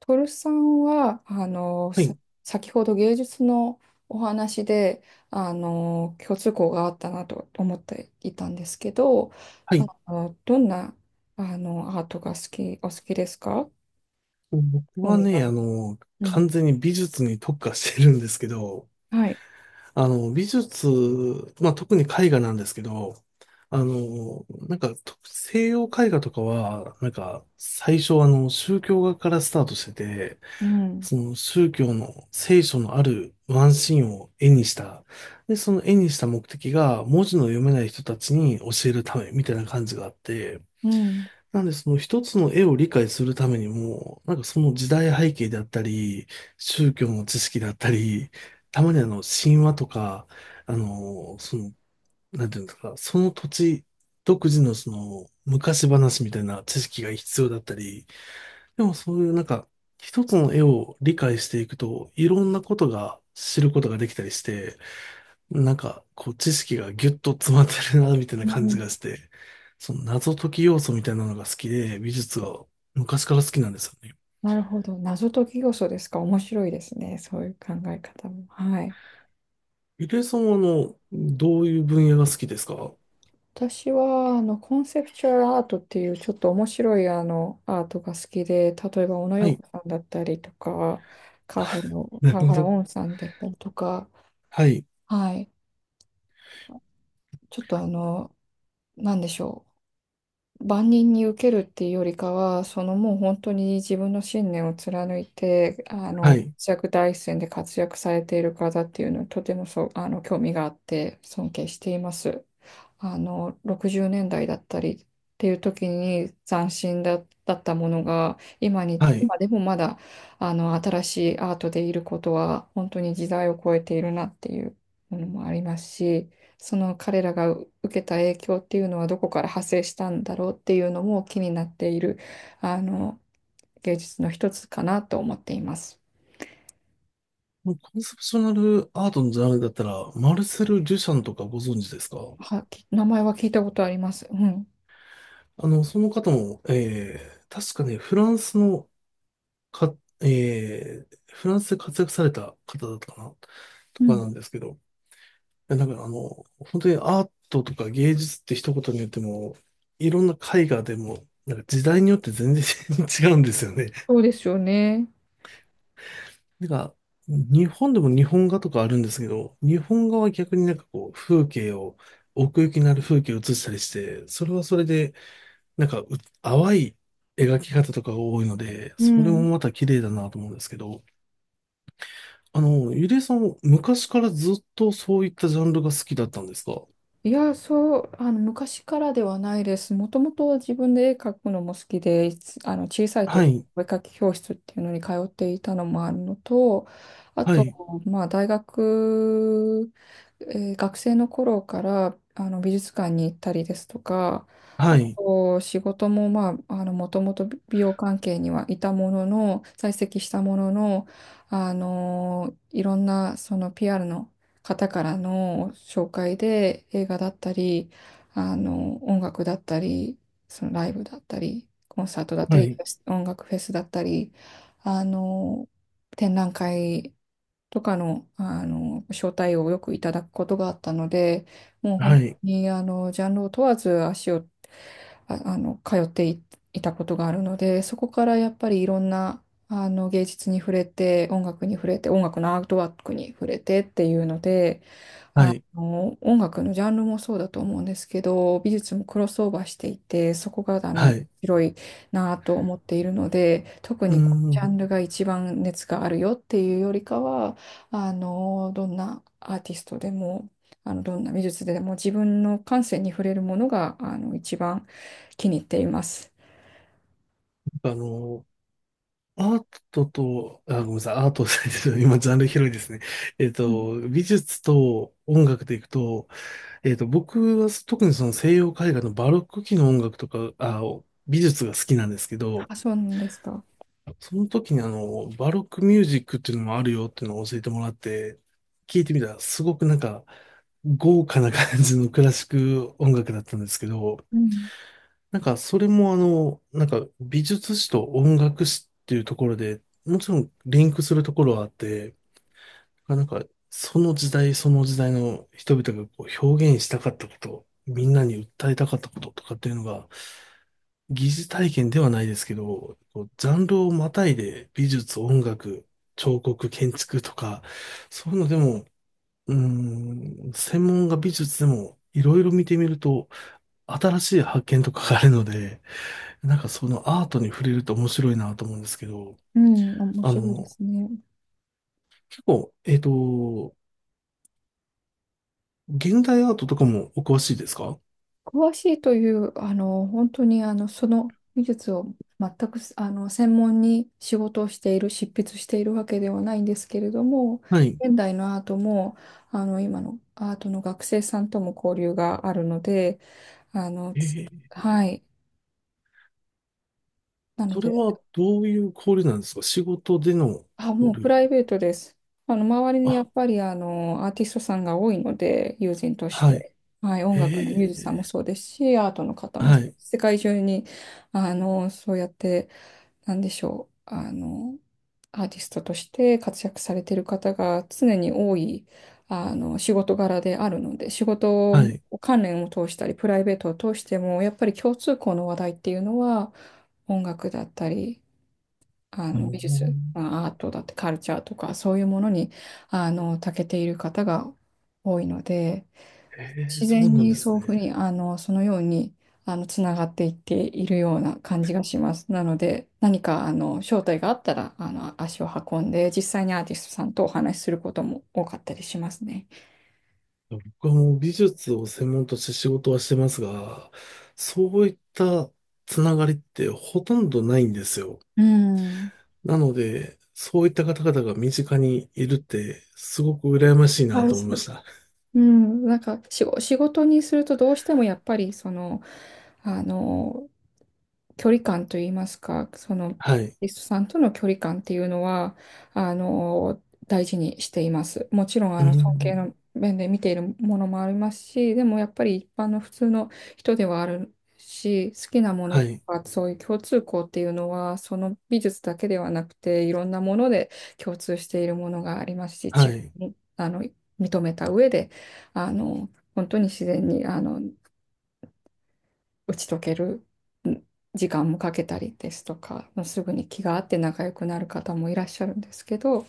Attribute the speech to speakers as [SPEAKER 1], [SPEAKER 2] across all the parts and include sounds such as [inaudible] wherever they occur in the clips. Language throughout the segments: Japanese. [SPEAKER 1] トルさんは、
[SPEAKER 2] はい、
[SPEAKER 1] 先ほど芸術のお話で、共通項があったなと思っていたんですけど、
[SPEAKER 2] は
[SPEAKER 1] あ
[SPEAKER 2] い。
[SPEAKER 1] どんな、アートがお好きですか？
[SPEAKER 2] 僕
[SPEAKER 1] 興
[SPEAKER 2] は
[SPEAKER 1] 味があ
[SPEAKER 2] ね、
[SPEAKER 1] る。うん。
[SPEAKER 2] 完全に美術に特化してるんですけど、
[SPEAKER 1] はい。
[SPEAKER 2] 美術、まあ、特に絵画なんですけど、と西洋絵画とかは、最初、宗教画からスタートしてて、
[SPEAKER 1] うん。
[SPEAKER 2] その宗教の聖書のあるワンシーンを絵にした。で、その絵にした目的が、文字の読めない人たちに教えるため、みたいな感じがあって、
[SPEAKER 1] うん。
[SPEAKER 2] なんで、その一つの絵を理解するためにも、その時代背景であったり、宗教の知識であったり、たまに神話とか、あの、その、なんていうんですか、その土地独自のその、昔話みたいな知識が必要だったり、でもそういう一つの絵を理解していくと、いろんなことが知ることができたりして、知識がギュッと詰まってるな、みたいな
[SPEAKER 1] う
[SPEAKER 2] 感じ
[SPEAKER 1] ん。
[SPEAKER 2] がして、その謎解き要素みたいなのが好きで、美術が昔から好きなんですよね。
[SPEAKER 1] なるほど。謎解き要素ですか。面白いですね。そういう考え方も。はい。
[SPEAKER 2] ゆりえさんは、どういう分野が好きですか？
[SPEAKER 1] 私は、コンセプチュアルアートっていう、ちょっと面白い、アートが好きで、例えば、小野
[SPEAKER 2] は
[SPEAKER 1] 洋
[SPEAKER 2] い。
[SPEAKER 1] 子さんだったりとか、川原
[SPEAKER 2] [laughs]
[SPEAKER 1] の、
[SPEAKER 2] な
[SPEAKER 1] 川
[SPEAKER 2] るほ
[SPEAKER 1] 原
[SPEAKER 2] ど。
[SPEAKER 1] 音さんだったりとか、
[SPEAKER 2] はい。
[SPEAKER 1] はい。ちょっと、なんでしょう。万人に受けるっていうよりかは、そのもう本当に自分の信念を貫いて、
[SPEAKER 2] はい。
[SPEAKER 1] 活躍第一線で活躍されている方っていうのはとてもそう、興味があって尊敬しています。60年代だったりっていう時に斬新だったものが、
[SPEAKER 2] はい。
[SPEAKER 1] 今でもまだ、新しいアートでいることは、本当に時代を超えているなっていうものもありますし、その彼らが受けた影響っていうのはどこから派生したんだろうっていうのも気になっている、あの、芸術の一つかなと思っています。
[SPEAKER 2] もうコンセプショナルアートのジャンルだったら、マルセル・デュシャンとかご存知ですか？
[SPEAKER 1] 名前は聞いたことあります。うん。
[SPEAKER 2] その方も、確かね、か、フランスで活躍された方だったかなと
[SPEAKER 1] う
[SPEAKER 2] か
[SPEAKER 1] ん
[SPEAKER 2] なんですけど、や、だから本当にアートとか芸術って一言に言っても、いろんな絵画でも、時代によって全然 [laughs] 違うんですよね。
[SPEAKER 1] そうですよね。
[SPEAKER 2] なんか、日本でも日本画とかあるんですけど、日本画は逆に風景を、奥行きのある風景を写したりして、それはそれで、なんかう、淡い描き方とかが多いので、
[SPEAKER 1] う
[SPEAKER 2] それも
[SPEAKER 1] ん。
[SPEAKER 2] また綺麗だなと思うんですけど、ゆりえさん、昔からずっとそういったジャンルが好きだったんですか？
[SPEAKER 1] いや、そう、昔からではないです。もともと自分で絵描くのも好きで、いつあの、小さい
[SPEAKER 2] は
[SPEAKER 1] 時、
[SPEAKER 2] い、
[SPEAKER 1] お絵描き教室っていうのに通っていたのもあるのと、あ
[SPEAKER 2] は
[SPEAKER 1] と、
[SPEAKER 2] い、
[SPEAKER 1] まあ、大学、えー学生の頃から、美術館に行ったりですとか、あ
[SPEAKER 2] はい、
[SPEAKER 1] と、仕事も、まあ、もともと美容関係にはいたものの、在籍したものの、いろんな、その PR の方からの紹介で映画だったり、音楽だったり、そのライブだったり、コンサートだっ
[SPEAKER 2] は
[SPEAKER 1] たり、
[SPEAKER 2] い。
[SPEAKER 1] 音楽フェスだったり、あの、展覧会とかの、招待をよくいただくことがあったので、もう本
[SPEAKER 2] は
[SPEAKER 1] 当
[SPEAKER 2] い、
[SPEAKER 1] にジャンルを問わず足を通っていたことがあるので、そこからやっぱりいろんな芸術に触れて、音楽に触れて、音楽のアートワークに触れてっていうので、
[SPEAKER 2] はい、
[SPEAKER 1] 音楽のジャンルもそうだと思うんですけど、美術もクロスオーバーしていて、そこが
[SPEAKER 2] はい。
[SPEAKER 1] 広いなと思っているので、特
[SPEAKER 2] うー
[SPEAKER 1] にこのジャン
[SPEAKER 2] ん、
[SPEAKER 1] ルが一番熱があるよっていうよりかは、どんなアーティストでも、どんな美術でも自分の感性に触れるものが一番気に入っています。
[SPEAKER 2] あの、アートと、あ、ごめんなさい、アートと、[laughs] 今、ジャンル広いですね。えっ
[SPEAKER 1] うん
[SPEAKER 2] と、美術と音楽でいくと、えっと、僕は特にその西洋絵画のバロック期の音楽とか、あ、美術が好きなんですけど、
[SPEAKER 1] あ、そうなんですか。
[SPEAKER 2] その時にバロックミュージックっていうのもあるよっていうのを教えてもらって、聞いてみたら、すごく豪華な感じのクラシック音楽だったんですけど、
[SPEAKER 1] うん
[SPEAKER 2] なんか、それもあの、なんか、美術史と音楽史っていうところで、もちろんリンクするところはあって、なんか、その時代その時代の人々がこう表現したかったこと、みんなに訴えたかったこととかっていうのが、疑似体験ではないですけど、こうジャンルをまたいで美術、音楽、彫刻、建築とか、そういうのでも、うーん、専門が美術でも、いろいろ見てみると、新しい発見とかがあるので、そのアートに触れると面白いなと思うんですけど、
[SPEAKER 1] うん、面
[SPEAKER 2] あ
[SPEAKER 1] 白いで
[SPEAKER 2] の、
[SPEAKER 1] すね。
[SPEAKER 2] 結構、えっと、現代アートとかもお詳しいですか？
[SPEAKER 1] 詳しいという、本当に、その技術を全く、専門に仕事をしている、執筆しているわけではないんですけれども、
[SPEAKER 2] はい。
[SPEAKER 1] 現代のアートも、今のアートの学生さんとも交流があるので、あの、
[SPEAKER 2] え
[SPEAKER 1] つ
[SPEAKER 2] ー、
[SPEAKER 1] はい。なの
[SPEAKER 2] それ
[SPEAKER 1] で、
[SPEAKER 2] はどういう交流なんですか？仕事での
[SPEAKER 1] あ、もう
[SPEAKER 2] 交
[SPEAKER 1] プ
[SPEAKER 2] 流。
[SPEAKER 1] ライベートです。周りにや
[SPEAKER 2] あ、
[SPEAKER 1] っぱり、アーティストさんが多いので、友人とし
[SPEAKER 2] はい。
[SPEAKER 1] て。はい、音楽のミュージシャンも
[SPEAKER 2] え
[SPEAKER 1] そうですし、アートの方
[SPEAKER 2] ー、
[SPEAKER 1] も
[SPEAKER 2] は
[SPEAKER 1] そうで
[SPEAKER 2] い、
[SPEAKER 1] す世界中に、そうやって、なんでしょう、アーティストとして活躍されている方が常に多い、仕事柄であるので、仕事
[SPEAKER 2] はい。
[SPEAKER 1] 関連を通したり、プライベートを通しても、やっぱり共通項の話題っていうのは、音楽だったり、
[SPEAKER 2] あの、
[SPEAKER 1] 美術、まあアートだって、カルチャーとか、そういうものに、長けている方が多いので、自
[SPEAKER 2] そう
[SPEAKER 1] 然
[SPEAKER 2] なんで
[SPEAKER 1] に
[SPEAKER 2] す
[SPEAKER 1] そういう
[SPEAKER 2] ね。
[SPEAKER 1] ふうに、そのように、つながっていっているような感じがします。なので、何か、招待があったら、足を運んで、実際にアーティストさんとお話しすることも多かったりしますね。
[SPEAKER 2] 僕はもう美術を専門として仕事はしてますが、そういったつながりってほとんどないんですよ。
[SPEAKER 1] うん。
[SPEAKER 2] なので、そういった方々が身近にいるって、すごく羨ましいな
[SPEAKER 1] はい。
[SPEAKER 2] と思い
[SPEAKER 1] そ
[SPEAKER 2] ま
[SPEAKER 1] う
[SPEAKER 2] した。
[SPEAKER 1] うん、なんか仕事にするとどうしてもやっぱりその、あの、距離感といいますか、その、
[SPEAKER 2] はい。
[SPEAKER 1] リストさんとの距離感っていうのは、あの、大事にしています。もちろん、
[SPEAKER 2] う
[SPEAKER 1] 尊敬
[SPEAKER 2] ん。
[SPEAKER 1] の面で見ているものもありますし、でもやっぱり一般の普通の人ではあるし、好きなもの
[SPEAKER 2] は
[SPEAKER 1] と
[SPEAKER 2] い。
[SPEAKER 1] か、そういう共通項っていうのは、その美術だけではなくて、いろんなもので共通しているものがありますし、
[SPEAKER 2] は
[SPEAKER 1] 違
[SPEAKER 2] い。
[SPEAKER 1] いに、認めた上で、あの、本当に自然に、打ち解けるん時間もかけたりですとか、もうすぐに気が合って仲良くなる方もいらっしゃるんですけど、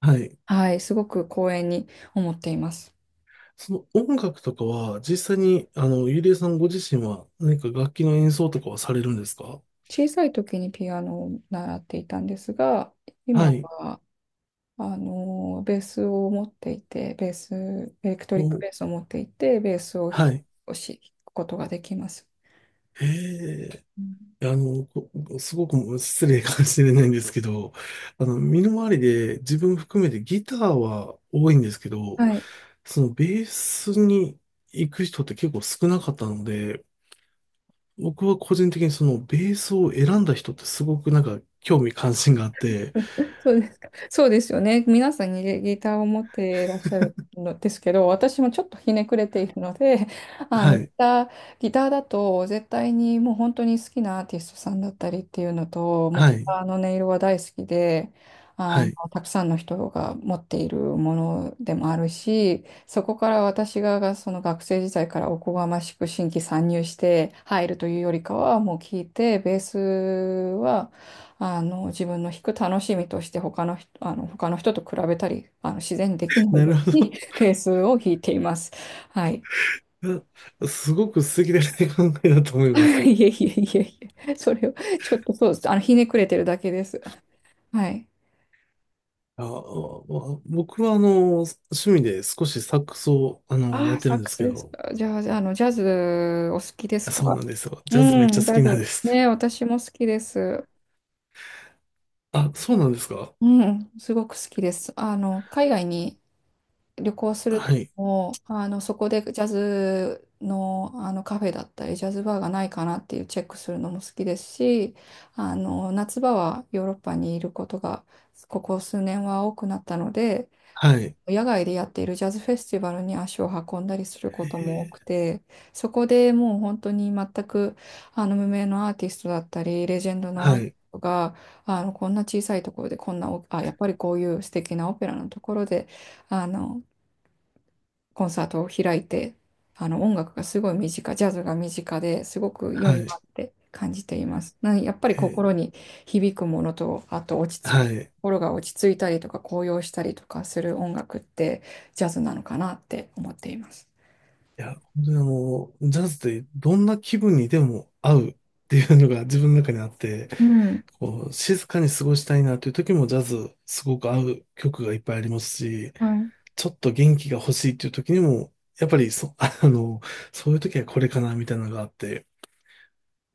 [SPEAKER 2] はい。
[SPEAKER 1] はい、すごく光栄に思っています。
[SPEAKER 2] その音楽とかは、実際に、ゆりえさんご自身は何か楽器の演奏とかはされるんですか？
[SPEAKER 1] 小さい時にピアノを習っていたんですが、
[SPEAKER 2] は
[SPEAKER 1] 今
[SPEAKER 2] い。
[SPEAKER 1] は、ベースを持っていて、ベース、エレクトリック
[SPEAKER 2] もう、
[SPEAKER 1] ベースを持っていて、ベースを弾
[SPEAKER 2] はい。
[SPEAKER 1] くことができます。
[SPEAKER 2] え
[SPEAKER 1] うん
[SPEAKER 2] え、あの、こすごく失礼かもしれないんですけど、身の回りで自分含めてギターは多いんですけど、
[SPEAKER 1] はい。
[SPEAKER 2] そのベースに行く人って結構少なかったので、僕は個人的にそのベースを選んだ人ってすごく興味関心があって、
[SPEAKER 1] そうですか。そうですよね。皆さんにギターを持っていらっしゃるのですけど、私もちょっとひねくれているので、[laughs] あ
[SPEAKER 2] は
[SPEAKER 1] のギ
[SPEAKER 2] い、
[SPEAKER 1] ター、ギターだと絶対にもう本当に好きなアーティストさんだったりっていうのと、もう
[SPEAKER 2] は
[SPEAKER 1] ギ
[SPEAKER 2] い、
[SPEAKER 1] ターの音色は大好きで、
[SPEAKER 2] はい。
[SPEAKER 1] たくさんの人が持っているものでもあるし、そこから私がその学生時代からおこがましく新規参入して入るというよりかは、もう聞いて、ベースは、自分の弾く楽しみとして他の人と比べたり、自然にできない
[SPEAKER 2] なる
[SPEAKER 1] よ
[SPEAKER 2] ほ
[SPEAKER 1] うに [laughs] ペースを弾いています。はい。
[SPEAKER 2] ど。[laughs] すごく素敵な考えだと思
[SPEAKER 1] [laughs]
[SPEAKER 2] い
[SPEAKER 1] い
[SPEAKER 2] ま
[SPEAKER 1] え
[SPEAKER 2] す。
[SPEAKER 1] いえいえいえ。それを、ちょっとそうです。ひねくれてるだけです。はい。
[SPEAKER 2] あ、あ僕は趣味で少しサックスを
[SPEAKER 1] あ
[SPEAKER 2] やっ
[SPEAKER 1] あ、
[SPEAKER 2] て
[SPEAKER 1] サ
[SPEAKER 2] る
[SPEAKER 1] ッ
[SPEAKER 2] んで
[SPEAKER 1] ク
[SPEAKER 2] す
[SPEAKER 1] ス
[SPEAKER 2] け
[SPEAKER 1] です
[SPEAKER 2] ど、
[SPEAKER 1] か。じゃあ、ジャズお好きです
[SPEAKER 2] あそう
[SPEAKER 1] か？
[SPEAKER 2] なんですよ。ジャズめ
[SPEAKER 1] う
[SPEAKER 2] っちゃ
[SPEAKER 1] ん、ジ
[SPEAKER 2] 好
[SPEAKER 1] ャ
[SPEAKER 2] きなんで
[SPEAKER 1] ズ。
[SPEAKER 2] す。
[SPEAKER 1] ね、私も好きです。
[SPEAKER 2] あ、そうなんですか？
[SPEAKER 1] うん、すごく好きです。海外に旅行する
[SPEAKER 2] は
[SPEAKER 1] 時
[SPEAKER 2] い、
[SPEAKER 1] も、そこでジャズの、カフェだったり、ジャズバーがないかなっていうチェックするのも好きですし、夏場はヨーロッパにいることが、ここ数年は多くなったので、
[SPEAKER 2] はい、
[SPEAKER 1] 野外でやっているジャズフェスティバルに足を運んだりするこ
[SPEAKER 2] え
[SPEAKER 1] とも多く
[SPEAKER 2] ー
[SPEAKER 1] て、そこでもう本当に全く、無名のアーティストだったり、レジェンドのア
[SPEAKER 2] は
[SPEAKER 1] ーティ
[SPEAKER 2] い、
[SPEAKER 1] ストが、こんな小さいところで、こんなお、あ、やっぱりこういう素敵なオペラのところで、あの、コンサートを開いて、音楽がすごい身近、ジャズが身近ですごく良
[SPEAKER 2] は
[SPEAKER 1] いな
[SPEAKER 2] い、
[SPEAKER 1] って感じています。やっぱり心
[SPEAKER 2] え
[SPEAKER 1] に響くものと、あと落
[SPEAKER 2] ー
[SPEAKER 1] ち着く、
[SPEAKER 2] はい。
[SPEAKER 1] 心が落ち着いたりとか高揚したりとかする音楽ってジャズなのかなって思っています。
[SPEAKER 2] いや、本当にジャズってどんな気分にでも合うっていうのが自分の中にあって、
[SPEAKER 1] うん、
[SPEAKER 2] こう、静かに過ごしたいなという時もジャズすごく合う曲がいっぱいありますし、
[SPEAKER 1] はい、
[SPEAKER 2] ちょっと元気が欲しいっていう時にも、やっぱりそ、[laughs] そういう時はこれかなみたいなのがあって。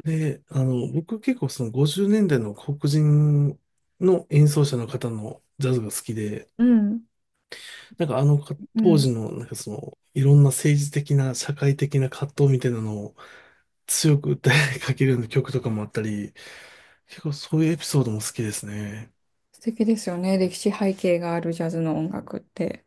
[SPEAKER 2] で、僕結構その50年代の黒人の演奏者の方のジャズが好きで、
[SPEAKER 1] うん、
[SPEAKER 2] なんかあのか
[SPEAKER 1] う
[SPEAKER 2] 当
[SPEAKER 1] ん。
[SPEAKER 2] 時のいろんな政治的な社会的な葛藤みたいなのを強く訴えかけるような曲とかもあったり、結構そういうエピソードも好きですね。
[SPEAKER 1] 素敵ですよね。歴史背景があるジャズの音楽って。